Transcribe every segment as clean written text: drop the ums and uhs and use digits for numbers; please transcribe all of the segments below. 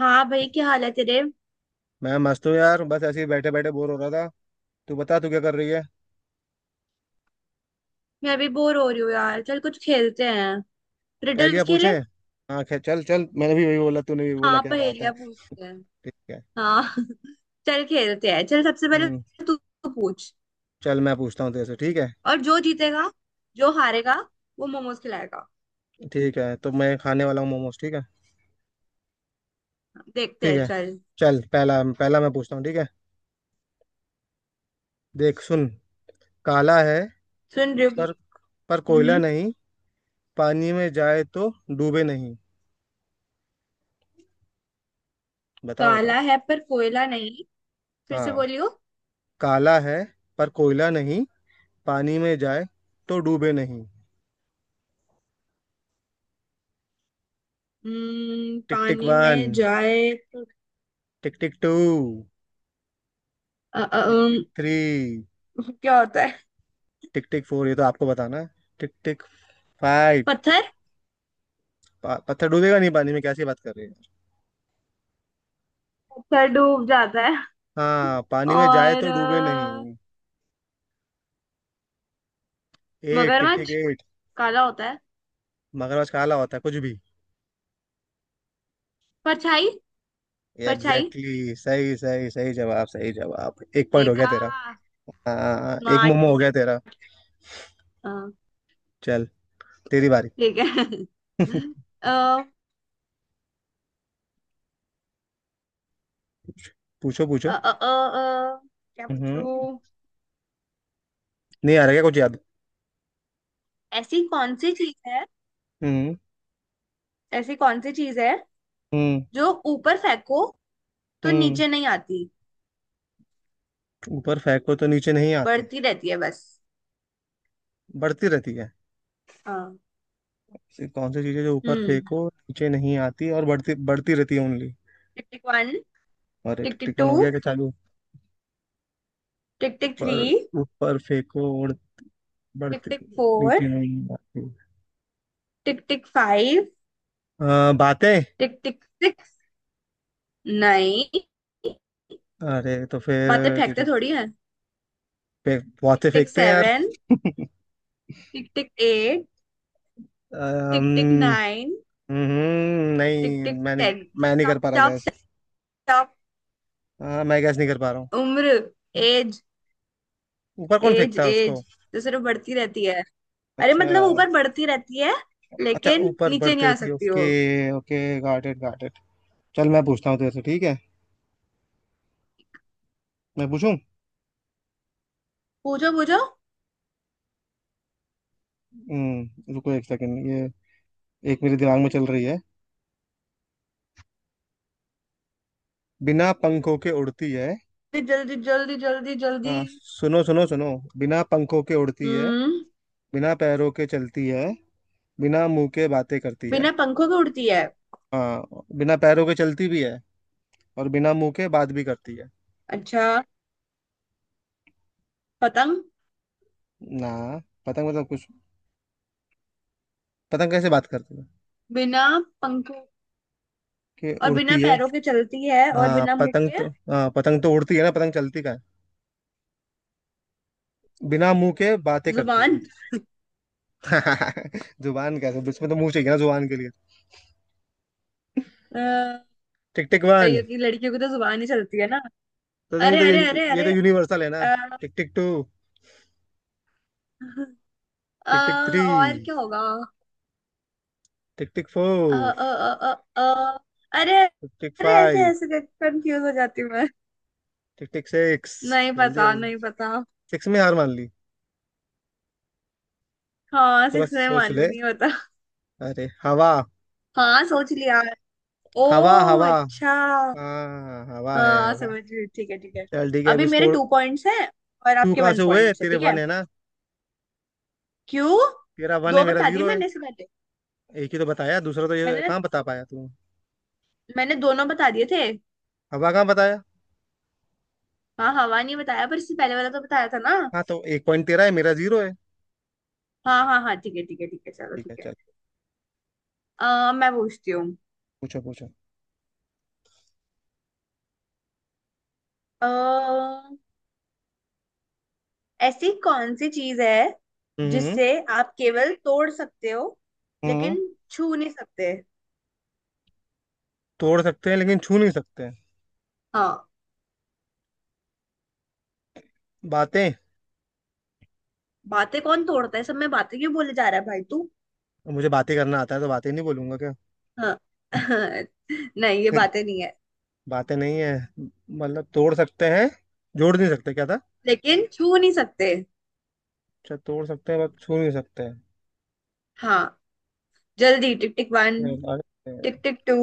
हाँ भाई, क्या हाल है तेरे। मैं मस्त हूँ यार। बस ऐसे ही बैठे बैठे बोर हो रहा था। तू बता तू क्या कर रही है। मैं भी बोर हो रही हूँ यार। चल कुछ खेलते हैं। पहेलियां रिडल्स पूछे। खेले। हाँ खैर चल चल मैंने भी वही बोला तूने भी बोला हाँ, क्या बात है। पहेलियां पूछते हैं। ठीक है। हाँ। चल खेलते हैं। चल सबसे पहले हम्म। तू तू पूछ। चल मैं पूछता हूँ तेरे से ठीक है। और जो जीतेगा, जो हारेगा, वो मोमोज खिलाएगा। ठीक है तो मैं खाने वाला हूँ मोमोज ठीक है। देखते ठीक हैं, है चल। चल पहला पहला मैं पूछता हूँ ठीक है। देख सुन। काला है सुन रही हो पर भाई? पर कोयला हम्म। नहीं। पानी में जाए तो डूबे नहीं। बताओ बताओ। काला है पर कोयला नहीं। फिर से हाँ बोलियो। काला है पर कोयला नहीं। पानी में जाए तो डूबे नहीं। टिक टिक पानी वन में जाए तो टिक टिक टू अ, अ, टिक अम, टिक थ्री क्या होता है। टिक टिक फोर ये तो आपको बताना है। टिक टिक फाइव। पत्थर। पत्थर डूबेगा नहीं पानी में कैसी बात कर रहे हैं। पत्थर डूब जाता है। हाँ पानी में जाए और तो डूबे नहीं। एट टिक टिक मगरमच्छ एट। काला होता है। मगरमच्छ काला होता है कुछ भी। परछाई। परछाई। एग्जैक्टली। exactly, सही सही सही जवाब। सही जवाब। एक पॉइंट हो गया देखा। तेरा। हाँ एक स्मार्ट। मोमो हो गया तेरा। हाँ। चल तेरी बारी। ठीक है। अ, पूछो अ, पूछो। अ, अ, अ, क्या हम्म। पूछूं। नहीं आ रहा क्या कुछ याद। ऐसी कौन सी चीज है, हम्म। ऐसी कौन सी चीज है हम्म। जो ऊपर फेंको तो हम्म। नीचे नहीं आती, ऊपर फेंको तो नीचे नहीं आती। बढ़ती रहती है बस। बढ़ती रहती है। हाँ। कि कौन सी चीजें जो ऊपर हम्म। फेंको नीचे नहीं आती और बढ़ती बढ़ती रहती है ओनली। Tick tick one. और टिक टिक टू। टिफिन हो गया कि चालू। टिक टिक थ्री। ऊपर ऊपर फेंको उड़ टिक बढ़ती टिक नीचे फोर। नहीं आती। टिक टिक फाइव। बातें। टिक टिक सिक्स। नहीं, अरे तो फिर बातें फेंकते थोड़ी है। बहुत टिक से टिक फेंकते हैं यार। सेवन। टिक tick eight. Tick tick um, nine. टिक नहीं टिक टेन। मैं नहीं कर स्टॉप पा रहा स्टॉप गैस। स्टॉप। हाँ मैं गैस नहीं कर पा रहा हूँ। उम्र। एज। ऊपर कौन एज फेंकता है उसको। एज, तो सिर्फ बढ़ती रहती है। अरे अच्छा। मतलब ऊपर बढ़ती रहती है, अच्छा लेकिन ऊपर नीचे नहीं बढ़ती आ रहती है सकती वो। Okay. Okay got it got it. चल मैं पूछता हूँ तेरे से ठीक है। मैं पूछूं। पूछो पूछो। रुको एक सेकंड ये एक मेरे दिमाग में चल रही है। बिना पंखों के उड़ती है। जल्दी जल्दी जल्दी जल्दी। हाँ सुनो सुनो सुनो। बिना पंखों के उड़ती है। हम्म। बिना पैरों के चलती है। बिना मुंह के बातें करती है। बिना पंखों के उड़ती है। हाँ बिना पैरों के चलती भी है और बिना मुंह के बात भी करती है। अच्छा। पतंग। ना पतंग मतलब कुछ। पतंग कैसे बात करती है। बिना पंखों कि और बिना उड़ती है। पैरों के चलती है और हाँ बिना मुंह पतंग के। तो हाँ पतंग तो उड़ती है ना पतंग चलती का है। बिना मुंह के बातें करती है। जुबान। जुबान कैसे इसमें तो मुंह चाहिए ना जुबान के लिए। अ, टिक टिक वन। ये लड़कियों की तो जुबान ही चलती है ना। तो नहीं अरे तो अरे ये, अरे ये तो अरे। यूनिवर्सल है ना। अ, टिक टिक टू अ, टिक टिक थ्री और क्या होगा। टिक टिक अ, अ, फोर अ, अ, अ, अरे। टिक टिक अरे ऐसे फाइव ऐसे कंफ्यूज हो जाती हूँ मैं। टिक टिक सिक्स नहीं जल्दी। पता, नहीं पता। सिक्स में हार मान ली। हाँ थोड़ा सिक्स में सोच मान ली, ले। नहीं होता। अरे हवा। हाँ सोच लिया। हवा ओ हवा। अच्छा। हाँ हवा है हाँ हवा। समझ गई। ठीक है, ठीक है। चल ठीक है अभी अभी मेरे स्कोर। टू पॉइंट्स हैं और टू आपके कहाँ वन से हुए पॉइंट्स है, तेरे ठीक वन है। है ना। क्यों। तेरा वन है दो मेरा बता दिए जीरो है। मैंने इससे पहले। एक ही तो बताया दूसरा तो ये मैंने कहाँ बता पाया तू। मैंने दोनों बता दिए थे। हवा कहाँ बताया। हाँ हवा नहीं बताया पर इससे पहले वाला तो बताया था ना। हाँ तो एक पॉइंट तेरा है मेरा जीरो है। हाँ हाँ हाँ, ठीक है ठीक है ठीक है, चलो ठीक है ठीक है। चल। मैं पूछती हूँ। पूछो पूछो। अ, ऐसी कौन सी चीज है हम्म। जिससे आप केवल तोड़ सकते हो, हम्म। लेकिन छू नहीं सकते। तोड़ सकते हैं लेकिन छू नहीं सकते। हाँ। बातें। बातें कौन तोड़ता है, सब में बातें क्यों बोले जा रहा है भाई तू। मुझे बातें करना आता है तो बातें नहीं बोलूंगा क्या। हाँ। नहीं, ये बातें नहीं है। बातें नहीं है मतलब तोड़ सकते हैं जोड़ नहीं सकते क्या था। लेकिन छू नहीं सकते। अच्छा तोड़ सकते हैं बस छू नहीं सकते हैं। हाँ। जल्दी टिक टिक वन। अरे, tick tick two.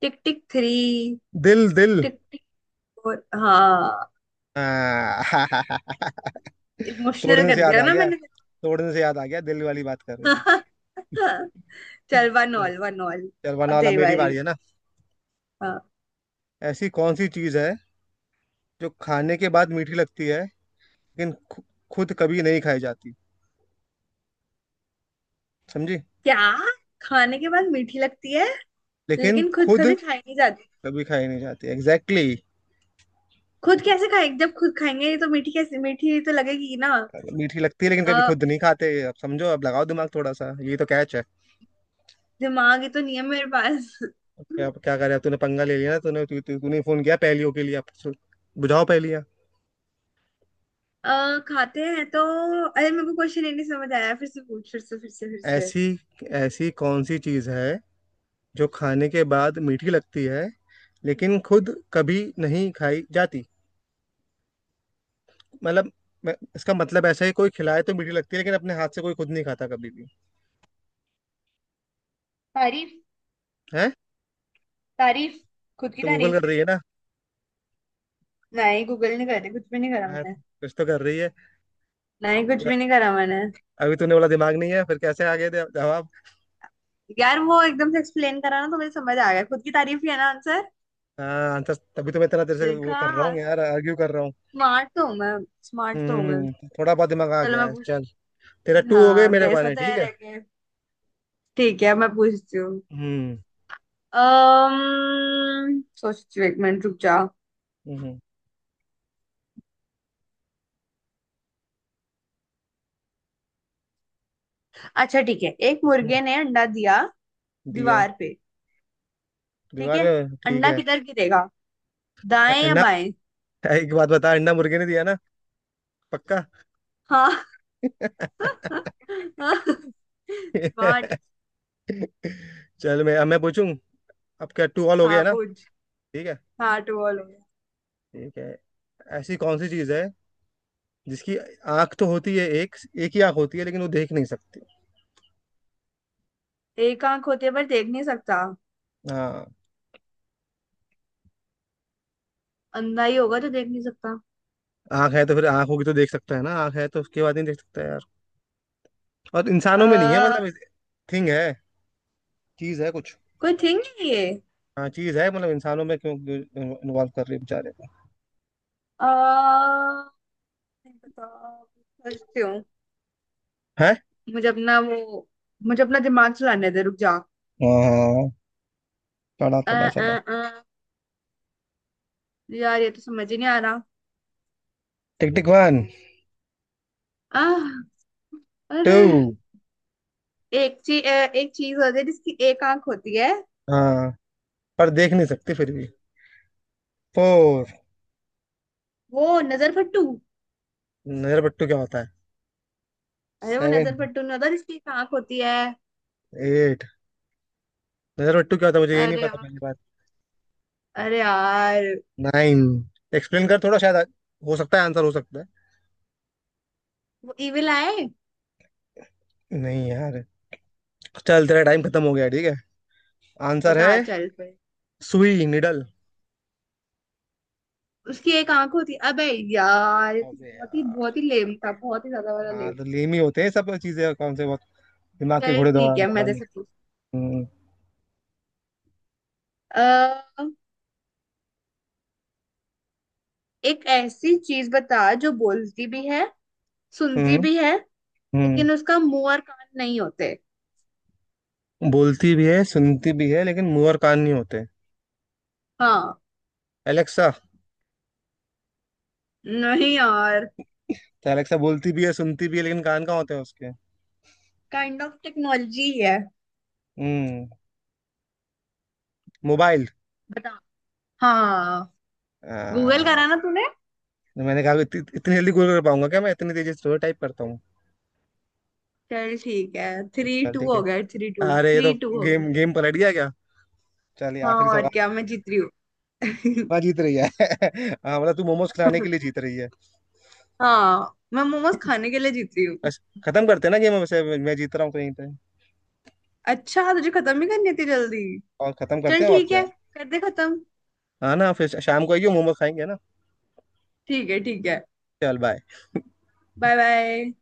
Tick tick three. दिल दिल टिक टिक फोर। हाँ। हाँ। इमोशनल तोड़ने से कर याद दिया आ ना गया। मैंने। तोड़ने से याद आ गया दिल वाली बात कर रही है। चल वन चल। All one all. चल वरना अब वाला तेरी मेरी बारी बारी। है ना। हाँ। ऐसी कौन सी चीज है जो खाने के बाद मीठी लगती है लेकिन खुद कभी नहीं खाई जाती। समझी। क्या। खाने के बाद मीठी लगती है, लेकिन लेकिन खुद खुद कभी खाई नहीं जाती। कभी खाई नहीं जाती एग्जैक्टली। खुद कैसे खाएंगे, जब खुद खाएंगे तो मीठी कैसे, मीठी तो लगेगी ना। मीठी लगती है लेकिन कभी अ, खुद नहीं खाते अब समझो अब लगाओ दिमाग थोड़ा सा ये तो कैच है। दिमाग ही तो नहीं है मेरे पास। अब क्या क्या करे अब तूने पंगा ले लिया ना तूने तू, तू, तूने फोन किया पहेलियों के लिए अब बुझाओ पहेलियां। खाते हैं तो अरे मेरे को क्वेश्चन ही नहीं समझ आया, फिर से पूछ, फिर से फिर से फिर से। ऐसी ऐसी कौन सी चीज है जो खाने के बाद मीठी लगती है लेकिन खुद कभी नहीं खाई जाती मतलब इसका मतलब ऐसा है कोई खिलाए तो मीठी लगती है लेकिन अपने हाथ से कोई खुद नहीं खाता कभी भी। तारीफ। है। तारीफ। खुद की तो गूगल तारीफ। कर रही है ना। नहीं गूगल नहीं करे, कुछ भी नहीं करा हाँ, मैंने। कुछ तो कर रही है। नहीं कुछ भी नहीं करा मैंने। अभी तूने बोला दिमाग नहीं है फिर कैसे आ गया जवाब। यार वो एकदम से एक्सप्लेन करा ना तो मुझे समझ आ गया, खुद की तारीफ ही है ना आंसर। हाँ तो तभी तो मैं तेरा तेरे से वो देखा। कर रहा हूँ यार आर्ग्यू कर रहा हूँ। स्मार्ट तो हूँ मैं। स्मार्ट तो हूँ मैं। हम्म। थोड़ा बहुत दिमाग आ चलो गया मैं है पूछ। चल। तेरा टू हो गए हाँ, मेरे जैसा पाने ठीक तैयार है। है कि ठीक है मैं पूछती हूँ। हम्म। सोचती हूँ, एक मिनट रुक जाओ। हम्म। अच्छा ठीक है, एक हम्म, मुर्गे ने अंडा दिया, दिया दीवार पे। ठीक दीवार है। पे ठीक अंडा है। किधर गिरेगा, दाएं या अंडा बाएं। एक बात बता अंडा मुर्गे ने दिया ना पक्का। हाँ। स्मार्ट। चल मैं अब मैं पूछूं। अब क्या टू ऑल हो हाँ गया ना। पूछ। ठीक है। हाँ टू ऑल हो गया। ठीक है ऐसी कौन सी चीज है जिसकी आंख तो होती है एक। एक ही आंख होती है लेकिन वो देख नहीं सकती। एक आंख होते पर देख नहीं सकता। हाँ अंधा ही होगा तो देख नहीं सकता। आंख है तो फिर आंख होगी तो देख सकता है ना आंख है तो उसके बाद नहीं देख सकता। और अ इंसानों में नहीं है मतलब थिंग है चीज है कुछ। कोई थिंग है ये। हाँ चीज है मतलब इंसानों में क्यों इन्वॉल्व कर रही है बेचारे को। अ नहीं पता, सोचती हूँ। है। मुझे अपना वो, मुझे अपना दिमाग चलाने दे, रुक जा। हाँ चला आ, चला आ, चला। आ, यार ये तो समझ ही नहीं आ रहा। टिक टिक वन आह, अरे। टू। एक चीज, एक चीज होती है जिसकी एक आंख होती है, हाँ पर देख नहीं सकती फिर भी। फोर। वो नजर फट्टू। नजर बट्टू क्या होता है। अरे वो सेवन नजर फट्टू नहीं होता जिसकी एक आंख होती है। एट। नजर बट्टू क्या होता है मुझे यही नहीं अरे पता यार। पहली बात। अरे यार। नाइन। एक्सप्लेन कर थोड़ा शायद हो सकता है आंसर हो सकता है। वो इविल आए। नहीं यार। चल तेरा टाइम खत्म हो गया ठीक है। आंसर है पता चल पे। सुई निडल। उसकी एक आंख होती है अबे। यार ये तो अबे यार। बहुत ही लेम था, बहुत ही ज्यादा वाला हाँ लेम। तो लेम ही होते हैं सब चीजें कौन से बहुत। दिमाग के चल घोड़े ठीक दौड़ाने है मैं दौड़ाने। जैसे हम्म। पूछ। एक ऐसी चीज बता जो बोलती भी है, सुनती हम्म। भी है, हम्म लेकिन उसका मुंह और कान नहीं होते। बोलती भी है सुनती भी है लेकिन मुंह और कान नहीं होते। हाँ। एलेक्सा। नहीं यार। तो एलेक्सा बोलती भी है सुनती भी है लेकिन कान कहाँ होते हैं उसके। काइंड ऑफ टेक्नोलॉजी है। हम्म। मोबाइल। बता। हाँ। गूगल आ, करा ना तूने। तो मैंने कहा इतनी जल्दी गूगल कर पाऊंगा क्या मैं इतनी तेजी से टाइप करता हूँ। चल ठीक है। थ्री चल टू ठीक है। हो गया, थ्री टू, अरे ये थ्री तो टू हो गया। गेम गेम पलट गया क्या। चलिए हाँ आखिरी और क्या, सवाल। मैं जीत रही हूँ। हाँ जीत रही है। हाँ मतलब तू मोमोज खिलाने के लिए जीत रही है। हाँ मैं मोमोज खाने के लिए जीत रही हूँ। बस खत्म करते हैं ना गेम वैसे मैं जीत रहा हूँ कहीं पे। अच्छा तुझे खत्म ही करनी थी जल्दी। और खत्म करते चल हैं और ठीक क्या। है, कर दे खत्म। हाँ ना फिर शाम को आइयो मोमो खाएंगे ना। ठीक है, ठीक है। चल बाय। Bye bye.